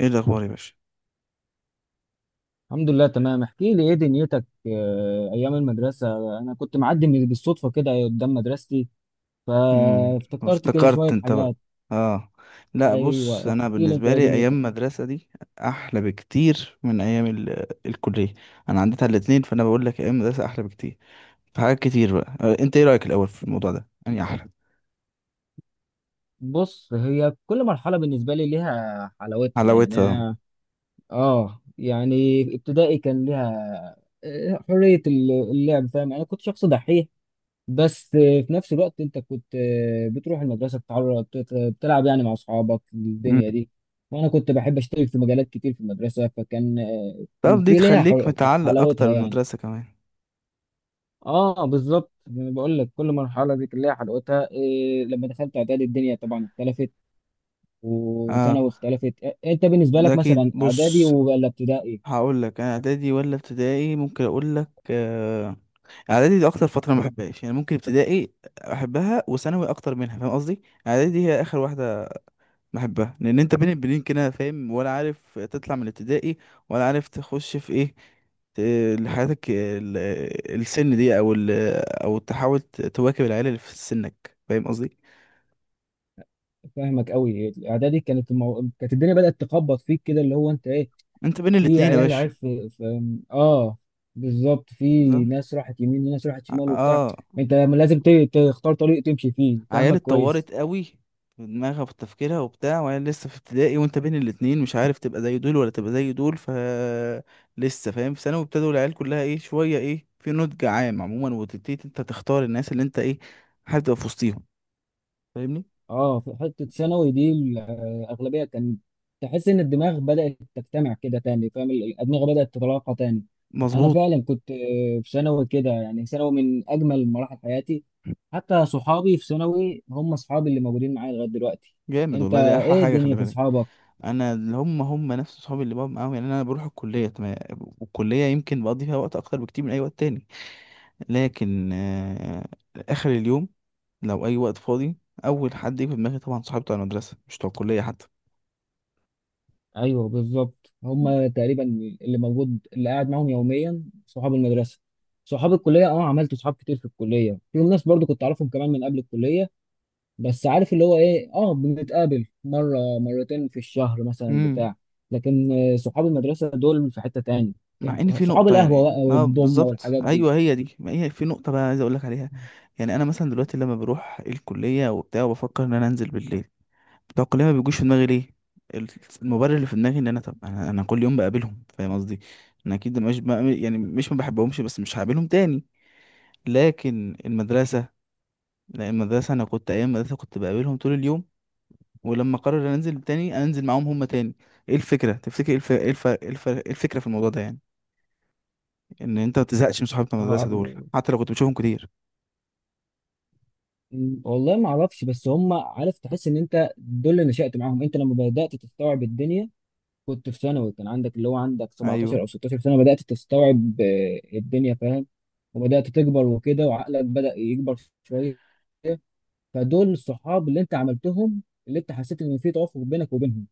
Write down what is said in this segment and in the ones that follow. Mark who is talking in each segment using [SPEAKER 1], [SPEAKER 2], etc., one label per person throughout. [SPEAKER 1] ايه الاخبار يا باشا؟
[SPEAKER 2] الحمد لله تمام. احكي لي ايه دنيتك؟ ايام المدرسه انا كنت معدي من بالصدفه كده قدام مدرستي، فافتكرت كده
[SPEAKER 1] افتكرت
[SPEAKER 2] شويه
[SPEAKER 1] انت بقى؟
[SPEAKER 2] حاجات.
[SPEAKER 1] اه. لا بص،
[SPEAKER 2] ايوه
[SPEAKER 1] انا
[SPEAKER 2] احكي لي انت
[SPEAKER 1] بالنسبه
[SPEAKER 2] ايه
[SPEAKER 1] لي ايام
[SPEAKER 2] دنيتك.
[SPEAKER 1] المدرسه دي احلى بكتير من ايام ال... آه، الكليه. انا عديت على الاتنين، فانا بقول لك ايام المدرسه احلى بكتير. في حاجات كتير بقى، انت ايه رايك الاول في الموضوع ده؟ يعني احلى
[SPEAKER 2] بص، هي كل مرحله بالنسبه لي ليها حلاوتها يعني.
[SPEAKER 1] حلاوتها.
[SPEAKER 2] أنا- اه يعني ابتدائي كان ليها حريه اللعب، فاهم؟ يعني انا كنت شخص دحيح، بس في نفس الوقت انت كنت بتروح المدرسه، بتلعب يعني مع اصحابك
[SPEAKER 1] امم
[SPEAKER 2] الدنيا دي. وانا كنت بحب اشترك في مجالات كتير في المدرسه، فكان
[SPEAKER 1] طب دي
[SPEAKER 2] في ليها
[SPEAKER 1] تخليك
[SPEAKER 2] حل-
[SPEAKER 1] متعلق اكتر
[SPEAKER 2] حلاوتها يعني.
[SPEAKER 1] بالمدرسه كمان.
[SPEAKER 2] اه بالظبط، يعني بقول لك كل مرحله دي كان ليها حلاوتها. إيه لما دخلت اعدادي الدنيا طبعا اختلفت،
[SPEAKER 1] اه
[SPEAKER 2] وثانوي اختلفت. انت بالنسبه
[SPEAKER 1] ده
[SPEAKER 2] لك
[SPEAKER 1] اكيد.
[SPEAKER 2] مثلا اعدادي
[SPEAKER 1] بص
[SPEAKER 2] ولا ابتدائي؟
[SPEAKER 1] هقول لك، انا اعدادي ولا ابتدائي؟ ممكن اقول لك اعدادي دي اكتر فتره ما بحبهاش، يعني ممكن ابتدائي احبها وثانوي اكتر منها، فاهم قصدي؟ اعدادي دي هي اخر واحده بحبها، لان انت بين البنين كده، فاهم؟ ولا عارف تطلع من الابتدائي، ولا عارف تخش في ايه، لحياتك السن دي، او تحاول تواكب العيال اللي في سنك، فاهم قصدي؟
[SPEAKER 2] فاهمك قوي. اعدادي كانت كانت الدنيا بدات تخبط فيك كده، اللي هو انت ايه،
[SPEAKER 1] انت بين
[SPEAKER 2] في
[SPEAKER 1] الاتنين يا
[SPEAKER 2] عيال عيال
[SPEAKER 1] باشا،
[SPEAKER 2] في, في اه بالظبط، في
[SPEAKER 1] بالظبط.
[SPEAKER 2] ناس راحت يمين وناس راحت شمال وبتاع.
[SPEAKER 1] اه،
[SPEAKER 2] انت لازم تختار طريق تمشي فيه،
[SPEAKER 1] عيال
[SPEAKER 2] فاهمك كويس.
[SPEAKER 1] اتطورت قوي في دماغها، في تفكيرها وبتاع، وعيال لسه في ابتدائي، وانت بين الاتنين مش عارف تبقى زي دول ولا تبقى زي دول. ف لسه فاهم؟ في ثانوي ابتدوا العيال كلها ايه، شويه ايه، في نضج عام عموما، وتبتدي انت تختار الناس اللي انت ايه حابب تبقى في وسطيهم، فاهمني؟
[SPEAKER 2] اه، في حته ثانوي دي الاغلبيه كان تحس ان الدماغ بدات تجتمع كده تاني، فاهم؟ الادمغه بدات تتلاقى تاني. انا
[SPEAKER 1] مظبوط.
[SPEAKER 2] فعلا كنت، في ثانوي كده، يعني ثانوي من اجمل مراحل حياتي. حتى صحابي في ثانوي هم اصحابي اللي موجودين معايا لغايه دلوقتي.
[SPEAKER 1] جامد
[SPEAKER 2] انت
[SPEAKER 1] والله، ده احلى
[SPEAKER 2] ايه
[SPEAKER 1] حاجه، خلي
[SPEAKER 2] الدنيا في
[SPEAKER 1] بالك.
[SPEAKER 2] اصحابك؟
[SPEAKER 1] انا اللي هم نفس صحابي اللي بقعد معاهم، يعني انا بروح الكليه تمام، والكليه يمكن بقضي فيها وقت اكتر بكتير من اي وقت تاني، لكن اخر اليوم لو اي وقت فاضي اول حد يجي في دماغي طبعا صاحبي بتاع المدرسه، مش بتوع الكليه حتى.
[SPEAKER 2] ايوه بالظبط، هم تقريبا اللي موجود، اللي قاعد معاهم يوميا صحاب المدرسه. صحاب الكليه اه عملت صحاب كتير في الكليه، في ناس برضو كنت اعرفهم كمان من قبل الكليه، بس عارف اللي هو ايه، اه بنتقابل مره مرتين في الشهر مثلا
[SPEAKER 1] امم
[SPEAKER 2] بتاع لكن صحاب المدرسه دول في حته تاني.
[SPEAKER 1] مع ان في
[SPEAKER 2] صحاب
[SPEAKER 1] نقطه،
[SPEAKER 2] القهوه
[SPEAKER 1] يعني
[SPEAKER 2] بقى
[SPEAKER 1] اه
[SPEAKER 2] والضمنه
[SPEAKER 1] بالظبط،
[SPEAKER 2] والحاجات دي.
[SPEAKER 1] ايوه هي دي، ما هي في نقطه بقى عايز اقول لك عليها. يعني انا مثلا دلوقتي لما بروح الكليه وبتاع وبفكر ان انا انزل بالليل، بتوع الكليه ما بيجوش في دماغي. ليه؟ ال- المبرر اللي في دماغي ان انا، طب أنا كل يوم بقابلهم، فاهم قصدي؟ انا اكيد مش بقى، يعني مش ما بحبهمش، بس مش هقابلهم تاني. لكن المدرسه، لا المدرسه انا كنت، ايام المدرسه كنت بقابلهم طول اليوم، ولما قرر انزل تاني انزل معاهم هم تاني. ايه الفكره؟ تفتكر ايه الفكره في الموضوع ده، يعني ان انت ما تزهقش من صحابه المدرسه
[SPEAKER 2] آه،
[SPEAKER 1] دول حتى لو كنت بتشوفهم كتير؟
[SPEAKER 2] والله ما اعرفش، بس هم، عارف تحس ان انت دول اللي نشأت معاهم. انت لما بدأت تستوعب الدنيا كنت في ثانوي، كان عندك اللي هو عندك 17
[SPEAKER 1] ايوه.
[SPEAKER 2] او 16 سنه، بدات تستوعب الدنيا، فاهم؟ وبدات تكبر وكده، وعقلك بدا يكبر شويه. فدول الصحاب اللي انت عملتهم، اللي انت حسيت ان في توافق بينك وبينهم،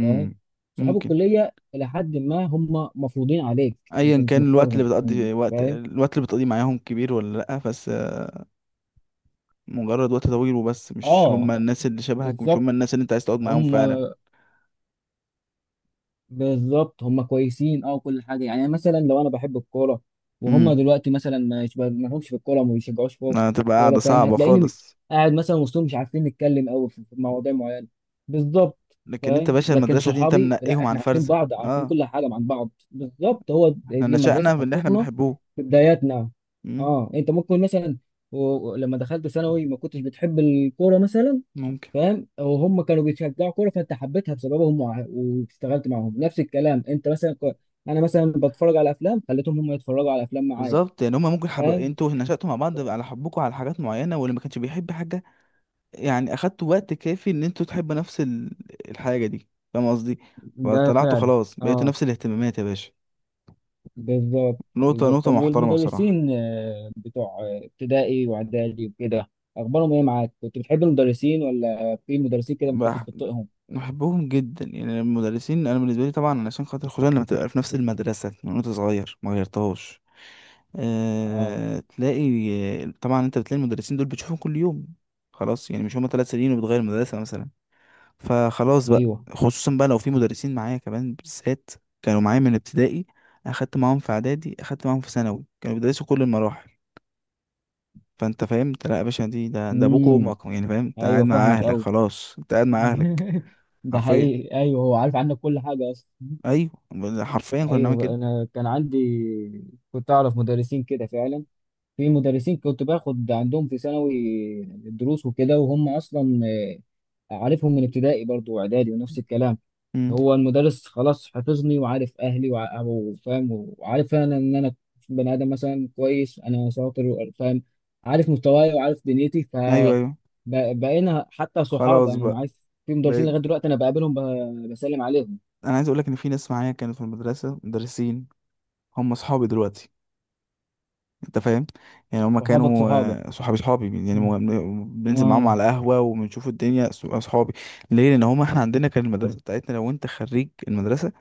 [SPEAKER 2] فاهم؟ صحاب
[SPEAKER 1] ممكن.
[SPEAKER 2] الكليه الى حد ما هم مفروضين عليك، انت
[SPEAKER 1] ايا
[SPEAKER 2] مش
[SPEAKER 1] كان الوقت اللي
[SPEAKER 2] مختارهم،
[SPEAKER 1] بتقضي، وقت
[SPEAKER 2] فاهم؟
[SPEAKER 1] الوقت اللي بتقضيه معاهم كبير ولا لا، بس مجرد وقت طويل وبس، مش هم
[SPEAKER 2] اه
[SPEAKER 1] الناس اللي شبهك، مش
[SPEAKER 2] بالظبط.
[SPEAKER 1] هم الناس اللي انت عايز تقعد معاهم
[SPEAKER 2] هم
[SPEAKER 1] فعلا.
[SPEAKER 2] هم كويسين اه كل حاجه، يعني مثلا لو انا بحب الكوره وهم
[SPEAKER 1] امم
[SPEAKER 2] دلوقتي مثلا ما لهمش في الكوره وما بيشجعوش فوق في
[SPEAKER 1] هتبقى
[SPEAKER 2] الكوره،
[SPEAKER 1] قاعده
[SPEAKER 2] فاهم؟
[SPEAKER 1] صعبه
[SPEAKER 2] هتلاقيني
[SPEAKER 1] خالص.
[SPEAKER 2] قاعد مثلا وسطهم مش عارفين نتكلم قوي في مواضيع معينه. بالظبط،
[SPEAKER 1] لكن انت
[SPEAKER 2] فاهم؟
[SPEAKER 1] باشا
[SPEAKER 2] لكن
[SPEAKER 1] المدرسه دي انت
[SPEAKER 2] صحابي لا،
[SPEAKER 1] منقيهم على
[SPEAKER 2] احنا عارفين
[SPEAKER 1] الفرزه.
[SPEAKER 2] بعض، عارفين
[SPEAKER 1] اه،
[SPEAKER 2] كل حاجه عن بعض. بالظبط، هو
[SPEAKER 1] احنا
[SPEAKER 2] دي المدرسه
[SPEAKER 1] نشأنا باللي احنا
[SPEAKER 2] حطتنا
[SPEAKER 1] بنحبوه.
[SPEAKER 2] في بداياتنا.
[SPEAKER 1] امم
[SPEAKER 2] اه، انت ممكن مثلا لما دخلت ثانوي ما كنتش بتحب الكوره مثلا،
[SPEAKER 1] ممكن.
[SPEAKER 2] فاهم؟ وهم كانوا بيشجعوا كوره فانت حبيتها بسببهم، واشتغلت معاهم. نفس الكلام انت مثلا انا مثلا بتفرج على افلام، خليتهم هم يتفرجوا على افلام معايا،
[SPEAKER 1] بالظبط، يعني هما ممكن
[SPEAKER 2] فاهم؟
[SPEAKER 1] انتوا نشأتوا مع بعض على حبكم على حاجات معينة، واللي ما كانش بيحب حاجة يعني أخدتوا وقت كافي إن انتوا تحبوا نفس الحاجة دي، فاهم قصدي؟
[SPEAKER 2] ده
[SPEAKER 1] فطلعتوا
[SPEAKER 2] فعلا.
[SPEAKER 1] خلاص بقيتوا
[SPEAKER 2] اه
[SPEAKER 1] نفس الاهتمامات يا باشا.
[SPEAKER 2] بالظبط
[SPEAKER 1] نقطة
[SPEAKER 2] بالظبط.
[SPEAKER 1] نقطة
[SPEAKER 2] طب
[SPEAKER 1] محترمة بصراحة.
[SPEAKER 2] والمدرسين، بتوع ابتدائي واعدادي وكده، اخبارهم ايه معاك؟ كنت بتحب المدرسين، ولا في مدرسين كده ما كنتش
[SPEAKER 1] بح...
[SPEAKER 2] بتطيقهم؟
[SPEAKER 1] بحبهم جدا، يعني المدرسين أنا بالنسبة لي طبعا علشان خاطر، خصوصا لما تبقى في نفس المدرسة من وأنت صغير ما غيرتهاش.
[SPEAKER 2] اه.
[SPEAKER 1] تلاقي طبعا أنت بتلاقي المدرسين دول بتشوفهم كل يوم، خلاص يعني مش هما ثلاث سنين وبتغير مدرسة مثلا. فخلاص بقى،
[SPEAKER 2] ايوه.
[SPEAKER 1] خصوصا بقى لو في مدرسين معايا كمان بالذات كانوا معايا من ابتدائي، اخدت معاهم في اعدادي، اخدت معاهم في ثانوي، كانوا بيدرسوا كل المراحل. فانت فهمت؟ لا يا باشا، دي ده ده ابوك
[SPEAKER 2] امم.
[SPEAKER 1] وامك يعني، فاهم؟ انت قاعد
[SPEAKER 2] ايوه
[SPEAKER 1] مع
[SPEAKER 2] فاهمك
[SPEAKER 1] اهلك،
[SPEAKER 2] قوي.
[SPEAKER 1] خلاص انت قاعد مع اهلك.
[SPEAKER 2] ده
[SPEAKER 1] حرفيا،
[SPEAKER 2] حقيقي، ايوه هو عارف عنك كل حاجه اصلا.
[SPEAKER 1] ايوه حرفيا كنا بنعمل كده.
[SPEAKER 2] ايوه انا كان عندي، كنت اعرف مدرسين كده فعلا. في مدرسين كنت باخد عندهم في ثانوي دروس وكده، وهم اصلا عارفهم من ابتدائي برضو واعدادي، ونفس الكلام.
[SPEAKER 1] امم
[SPEAKER 2] هو المدرس خلاص حفظني وعارف اهلي وفاهم، وعارف انا ان انا بني ادم مثلا كويس، انا شاطر وفاهم، عارف مستواي وعارف دنيتي.
[SPEAKER 1] ايوه ايوه.
[SPEAKER 2] فبقينا حتى صحابه،
[SPEAKER 1] خلاص
[SPEAKER 2] يعني
[SPEAKER 1] بقى
[SPEAKER 2] عارف. في مدرسين
[SPEAKER 1] بقيت.
[SPEAKER 2] لغايه دلوقتي انا بقابلهم، بسلم عليهم.
[SPEAKER 1] انا عايز اقول لك ان في ناس معايا كانت في المدرسه مدرسين، هم اصحابي دلوقتي، انت فاهم؟ يعني هما
[SPEAKER 2] صحابك
[SPEAKER 1] كانوا
[SPEAKER 2] صحابك
[SPEAKER 1] صحابي صحابي، يعني
[SPEAKER 2] مم.
[SPEAKER 1] بننزل معاهم
[SPEAKER 2] اه.
[SPEAKER 1] على قهوة وبنشوف الدنيا، صحابي. ليه؟ لان هما، احنا عندنا كان المدرسة بتاعتنا، لو انت خريج المدرسة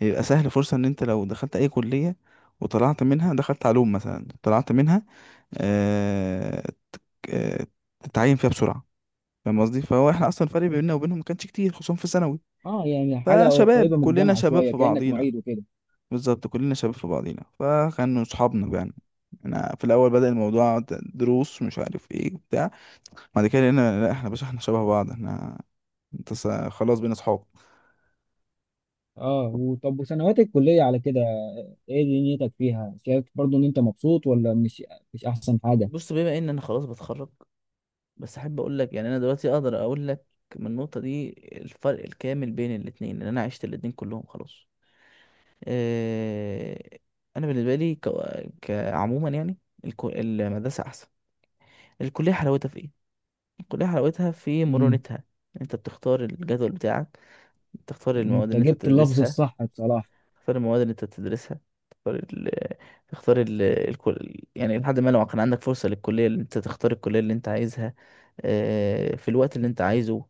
[SPEAKER 1] يبقى سهل فرصة ان انت لو دخلت اي كلية وطلعت منها، دخلت علوم مثلا طلعت منها آه آه، تتعين فيها بسرعة، فاهم قصدي؟ فهو احنا اصلا الفرق بيننا وبينهم ما كانش كتير، خصوصا في ثانوي،
[SPEAKER 2] اه يعني حاجه
[SPEAKER 1] فشباب
[SPEAKER 2] قريبه من
[SPEAKER 1] كلنا
[SPEAKER 2] الجامعه
[SPEAKER 1] شباب
[SPEAKER 2] شويه،
[SPEAKER 1] في
[SPEAKER 2] كانك
[SPEAKER 1] بعضينا،
[SPEAKER 2] معيد وكده.
[SPEAKER 1] بالظبط كلنا شباب في بعضينا، فكانوا صحابنا يعني. انا في الاول بدأ الموضوع دروس مش عارف ايه وبتاع، بعد كده لقينا لا، احنا باشا احنا شبه بعض احنا، انت خلاص بينا صحاب.
[SPEAKER 2] اه، وطب وسنوات الكليه على كده، ايه دنيتك فيها؟ شايف برضو ان انت مبسوط ولا مش؟ مش احسن حاجه.
[SPEAKER 1] بس يعني انا اقول لك من بين الاثنين لان انا عشت الاثنين، كورس. آه، انا بلي عموما يعني المدرسه احسن. الكليه حلاوتها في ايه؟ الكليه حلاوتها في
[SPEAKER 2] امم.
[SPEAKER 1] متها، انت بتختار الجدول بتاعك، بتختار المواد
[SPEAKER 2] انت
[SPEAKER 1] اللي انت
[SPEAKER 2] جبت اللفظ
[SPEAKER 1] بتدرسها،
[SPEAKER 2] الصح بصراحه.
[SPEAKER 1] تختار المواد اللي انت بتدرسها، تختار ال، تختار يعني لحد ما لو كان عندك فرصة للكلية اللي انت، تختار الكلية اللي انت عايزها، في الوقت اللي انت عايزه،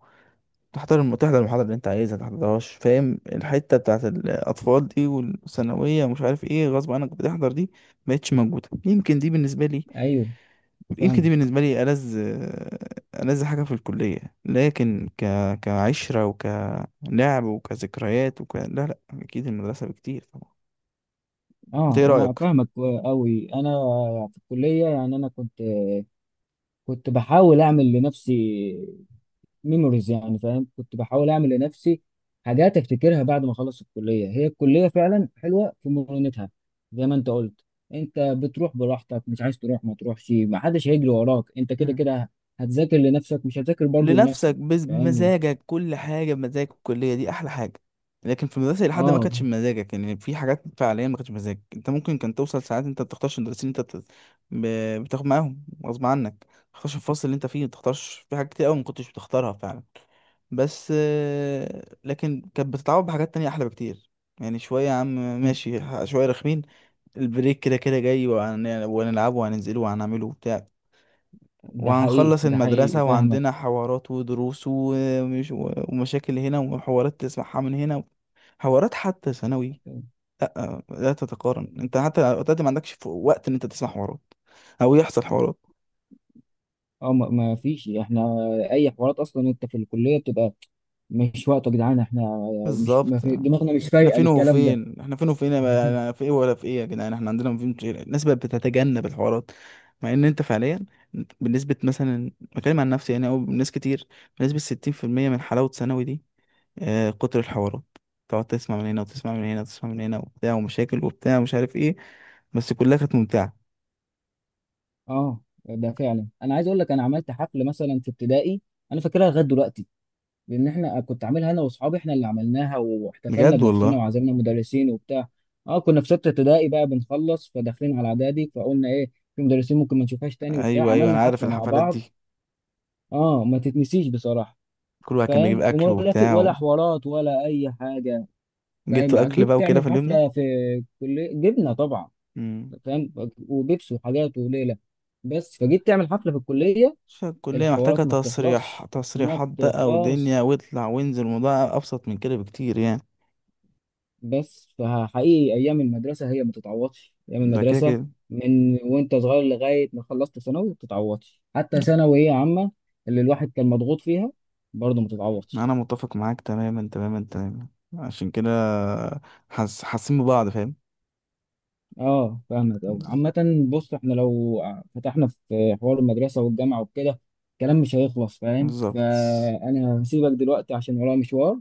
[SPEAKER 1] تحضر تحضر المحاضرة اللي انت عايزها، متحضرهاش، فاهم؟ الحتة بتاعت الأطفال دي والثانوية ومش عارف ايه غصب عنك بتحضر دي مبقتش موجودة. يمكن دي بالنسبة لي،
[SPEAKER 2] ايوه
[SPEAKER 1] يمكن
[SPEAKER 2] فاهمك.
[SPEAKER 1] دي بالنسبة لي ألذ ألذ حاجة في الكلية. لكن كعشرة وكلعب وكذكريات لا لا، أكيد المدرسة بكتير طبعا. انت
[SPEAKER 2] اه
[SPEAKER 1] ايه
[SPEAKER 2] انا
[SPEAKER 1] رأيك؟
[SPEAKER 2] فاهمك قوي. انا في الكليه يعني انا كنت بحاول اعمل لنفسي ميموريز، يعني فاهم كنت بحاول اعمل لنفسي حاجات افتكرها بعد ما اخلص الكليه. هي الكليه فعلا حلوه في مرونتها، زي ما انت قلت. انت بتروح براحتك، مش عايز تروح ما تروحش، ما حدش هيجري وراك، انت كده
[SPEAKER 1] مم.
[SPEAKER 2] كده هتذاكر لنفسك، مش هتذاكر برضه
[SPEAKER 1] لنفسك،
[SPEAKER 2] لنفسك، فاهم؟
[SPEAKER 1] بمزاجك، كل حاجة بمزاجك، الكلية دي أحلى حاجة. لكن في المدرسة لحد ما
[SPEAKER 2] اه
[SPEAKER 1] كانتش بمزاجك، يعني في حاجات فعليا ما كانتش بمزاجك، انت ممكن كان توصل ساعات انت ما بتختارش المدرسين اللي انت بتاخد معاهم غصب عنك، ما بتختارش الفصل اللي انت فيه، ما بتختارش في حاجات كتير قوي ما كنتش بتختارها فعلا، بس لكن كانت بتتعوض بحاجات تانية أحلى بكتير. يعني شوية يا عم ماشي، شوية رخمين، البريك كده كده جاي وهنلعبه وهننزله وهنعمله وبتاع،
[SPEAKER 2] ده حقيقي،
[SPEAKER 1] وهنخلص
[SPEAKER 2] ده حقيقي
[SPEAKER 1] المدرسة
[SPEAKER 2] فاهمك.
[SPEAKER 1] وعندنا حوارات ودروس، ومش ومشاكل هنا، وحوارات تسمعها من هنا، حوارات حتى ثانوي لا لا تتقارن، انت حتى دلوقتي ما عندكش وقت ان انت تسمع حوارات او يحصل حوارات.
[SPEAKER 2] اه ما فيش احنا اي حوارات اصلا، انت في الكليه بتبقى مش وقته يا جدعان، احنا مش، ما
[SPEAKER 1] بالظبط،
[SPEAKER 2] في دماغنا مش
[SPEAKER 1] احنا
[SPEAKER 2] فايقه
[SPEAKER 1] فين
[SPEAKER 2] للكلام ده.
[SPEAKER 1] وفين، احنا فين وفين يا بقى، انا في ايه ولا في ايه يا جدعان، احنا عندنا فين كتير. الناس بقت بتتجنب الحوارات. مع ان انت فعليا بنسبة مثلا، بتكلم عن نفسي يعني او ناس كتير، بنسبة 60% من حلاوة ثانوي دي كتر الحوارات، تقعد تسمع من هنا وتسمع من هنا وتسمع من هنا وبتاع، ومشاكل وبتاع ومش عارف ايه، بس كلها كانت ممتعة.
[SPEAKER 2] اه ده فعلا. انا عايز اقول لك انا عملت حفل مثلا في ابتدائي، انا فاكرها لغايه دلوقتي، لان احنا كنت عاملها انا واصحابي، احنا اللي عملناها واحتفلنا
[SPEAKER 1] بجد
[SPEAKER 2] بنفسنا
[SPEAKER 1] والله.
[SPEAKER 2] وعزمنا مدرسين وبتاع. اه كنا في سته ابتدائي بقى بنخلص، فداخلين على اعدادي، فقلنا ايه، في مدرسين ممكن ما نشوفهاش تاني وبتاع،
[SPEAKER 1] ايوه ايوه
[SPEAKER 2] عملنا
[SPEAKER 1] انا عارف
[SPEAKER 2] حفله مع
[SPEAKER 1] الحفلات
[SPEAKER 2] بعض.
[SPEAKER 1] دي،
[SPEAKER 2] اه ما تتنسيش بصراحه،
[SPEAKER 1] كل واحد كان بيجيب
[SPEAKER 2] فاهم؟
[SPEAKER 1] اكل
[SPEAKER 2] وملافق ولا
[SPEAKER 1] وبتاع،
[SPEAKER 2] حوارات ولا اي حاجه، فاهم؟
[SPEAKER 1] وجبتوا اكل
[SPEAKER 2] جيت
[SPEAKER 1] بقى وكده
[SPEAKER 2] تعمل
[SPEAKER 1] في اليوم ده.
[SPEAKER 2] حفله في كليه، جبنه طبعا،
[SPEAKER 1] امم
[SPEAKER 2] فاهم، وبيبس وحاجات وليله. بس فجيت تعمل حفله في الكليه
[SPEAKER 1] فالكلية محتاجة
[SPEAKER 2] الحوارات ما
[SPEAKER 1] تصريح،
[SPEAKER 2] بتخلصش، ما
[SPEAKER 1] تصريحات بقى ودنيا
[SPEAKER 2] بتخلص.
[SPEAKER 1] واطلع وانزل، الموضوع ابسط من كده بكتير يعني.
[SPEAKER 2] بس فحقيقي ايام المدرسه هي ما تتعوضش. ايام
[SPEAKER 1] ده كده
[SPEAKER 2] المدرسه
[SPEAKER 1] كده،
[SPEAKER 2] من وانت صغير لغايه ما خلصت ثانوي ما بتتعوضش، حتى ثانويه عامه اللي الواحد كان مضغوط فيها برضه ما تتعوضش.
[SPEAKER 1] انا متفق معاك تماما تماما تماما. عشان كده حاس، حاسين ببعض، فاهم؟
[SPEAKER 2] اه فاهمك قوي. عامه بص، احنا لو فتحنا في حوار المدرسه والجامعه وكده الكلام مش هيخلص، فاهم؟
[SPEAKER 1] بالظبط.
[SPEAKER 2] فانا هسيبك دلوقتي عشان ورايا مشوار،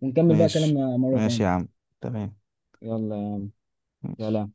[SPEAKER 2] ونكمل بقى
[SPEAKER 1] ماشي،
[SPEAKER 2] كلامنا مره
[SPEAKER 1] ماشي يا
[SPEAKER 2] تانية.
[SPEAKER 1] عم، تمام،
[SPEAKER 2] يلا،
[SPEAKER 1] ماشي.
[SPEAKER 2] سلام.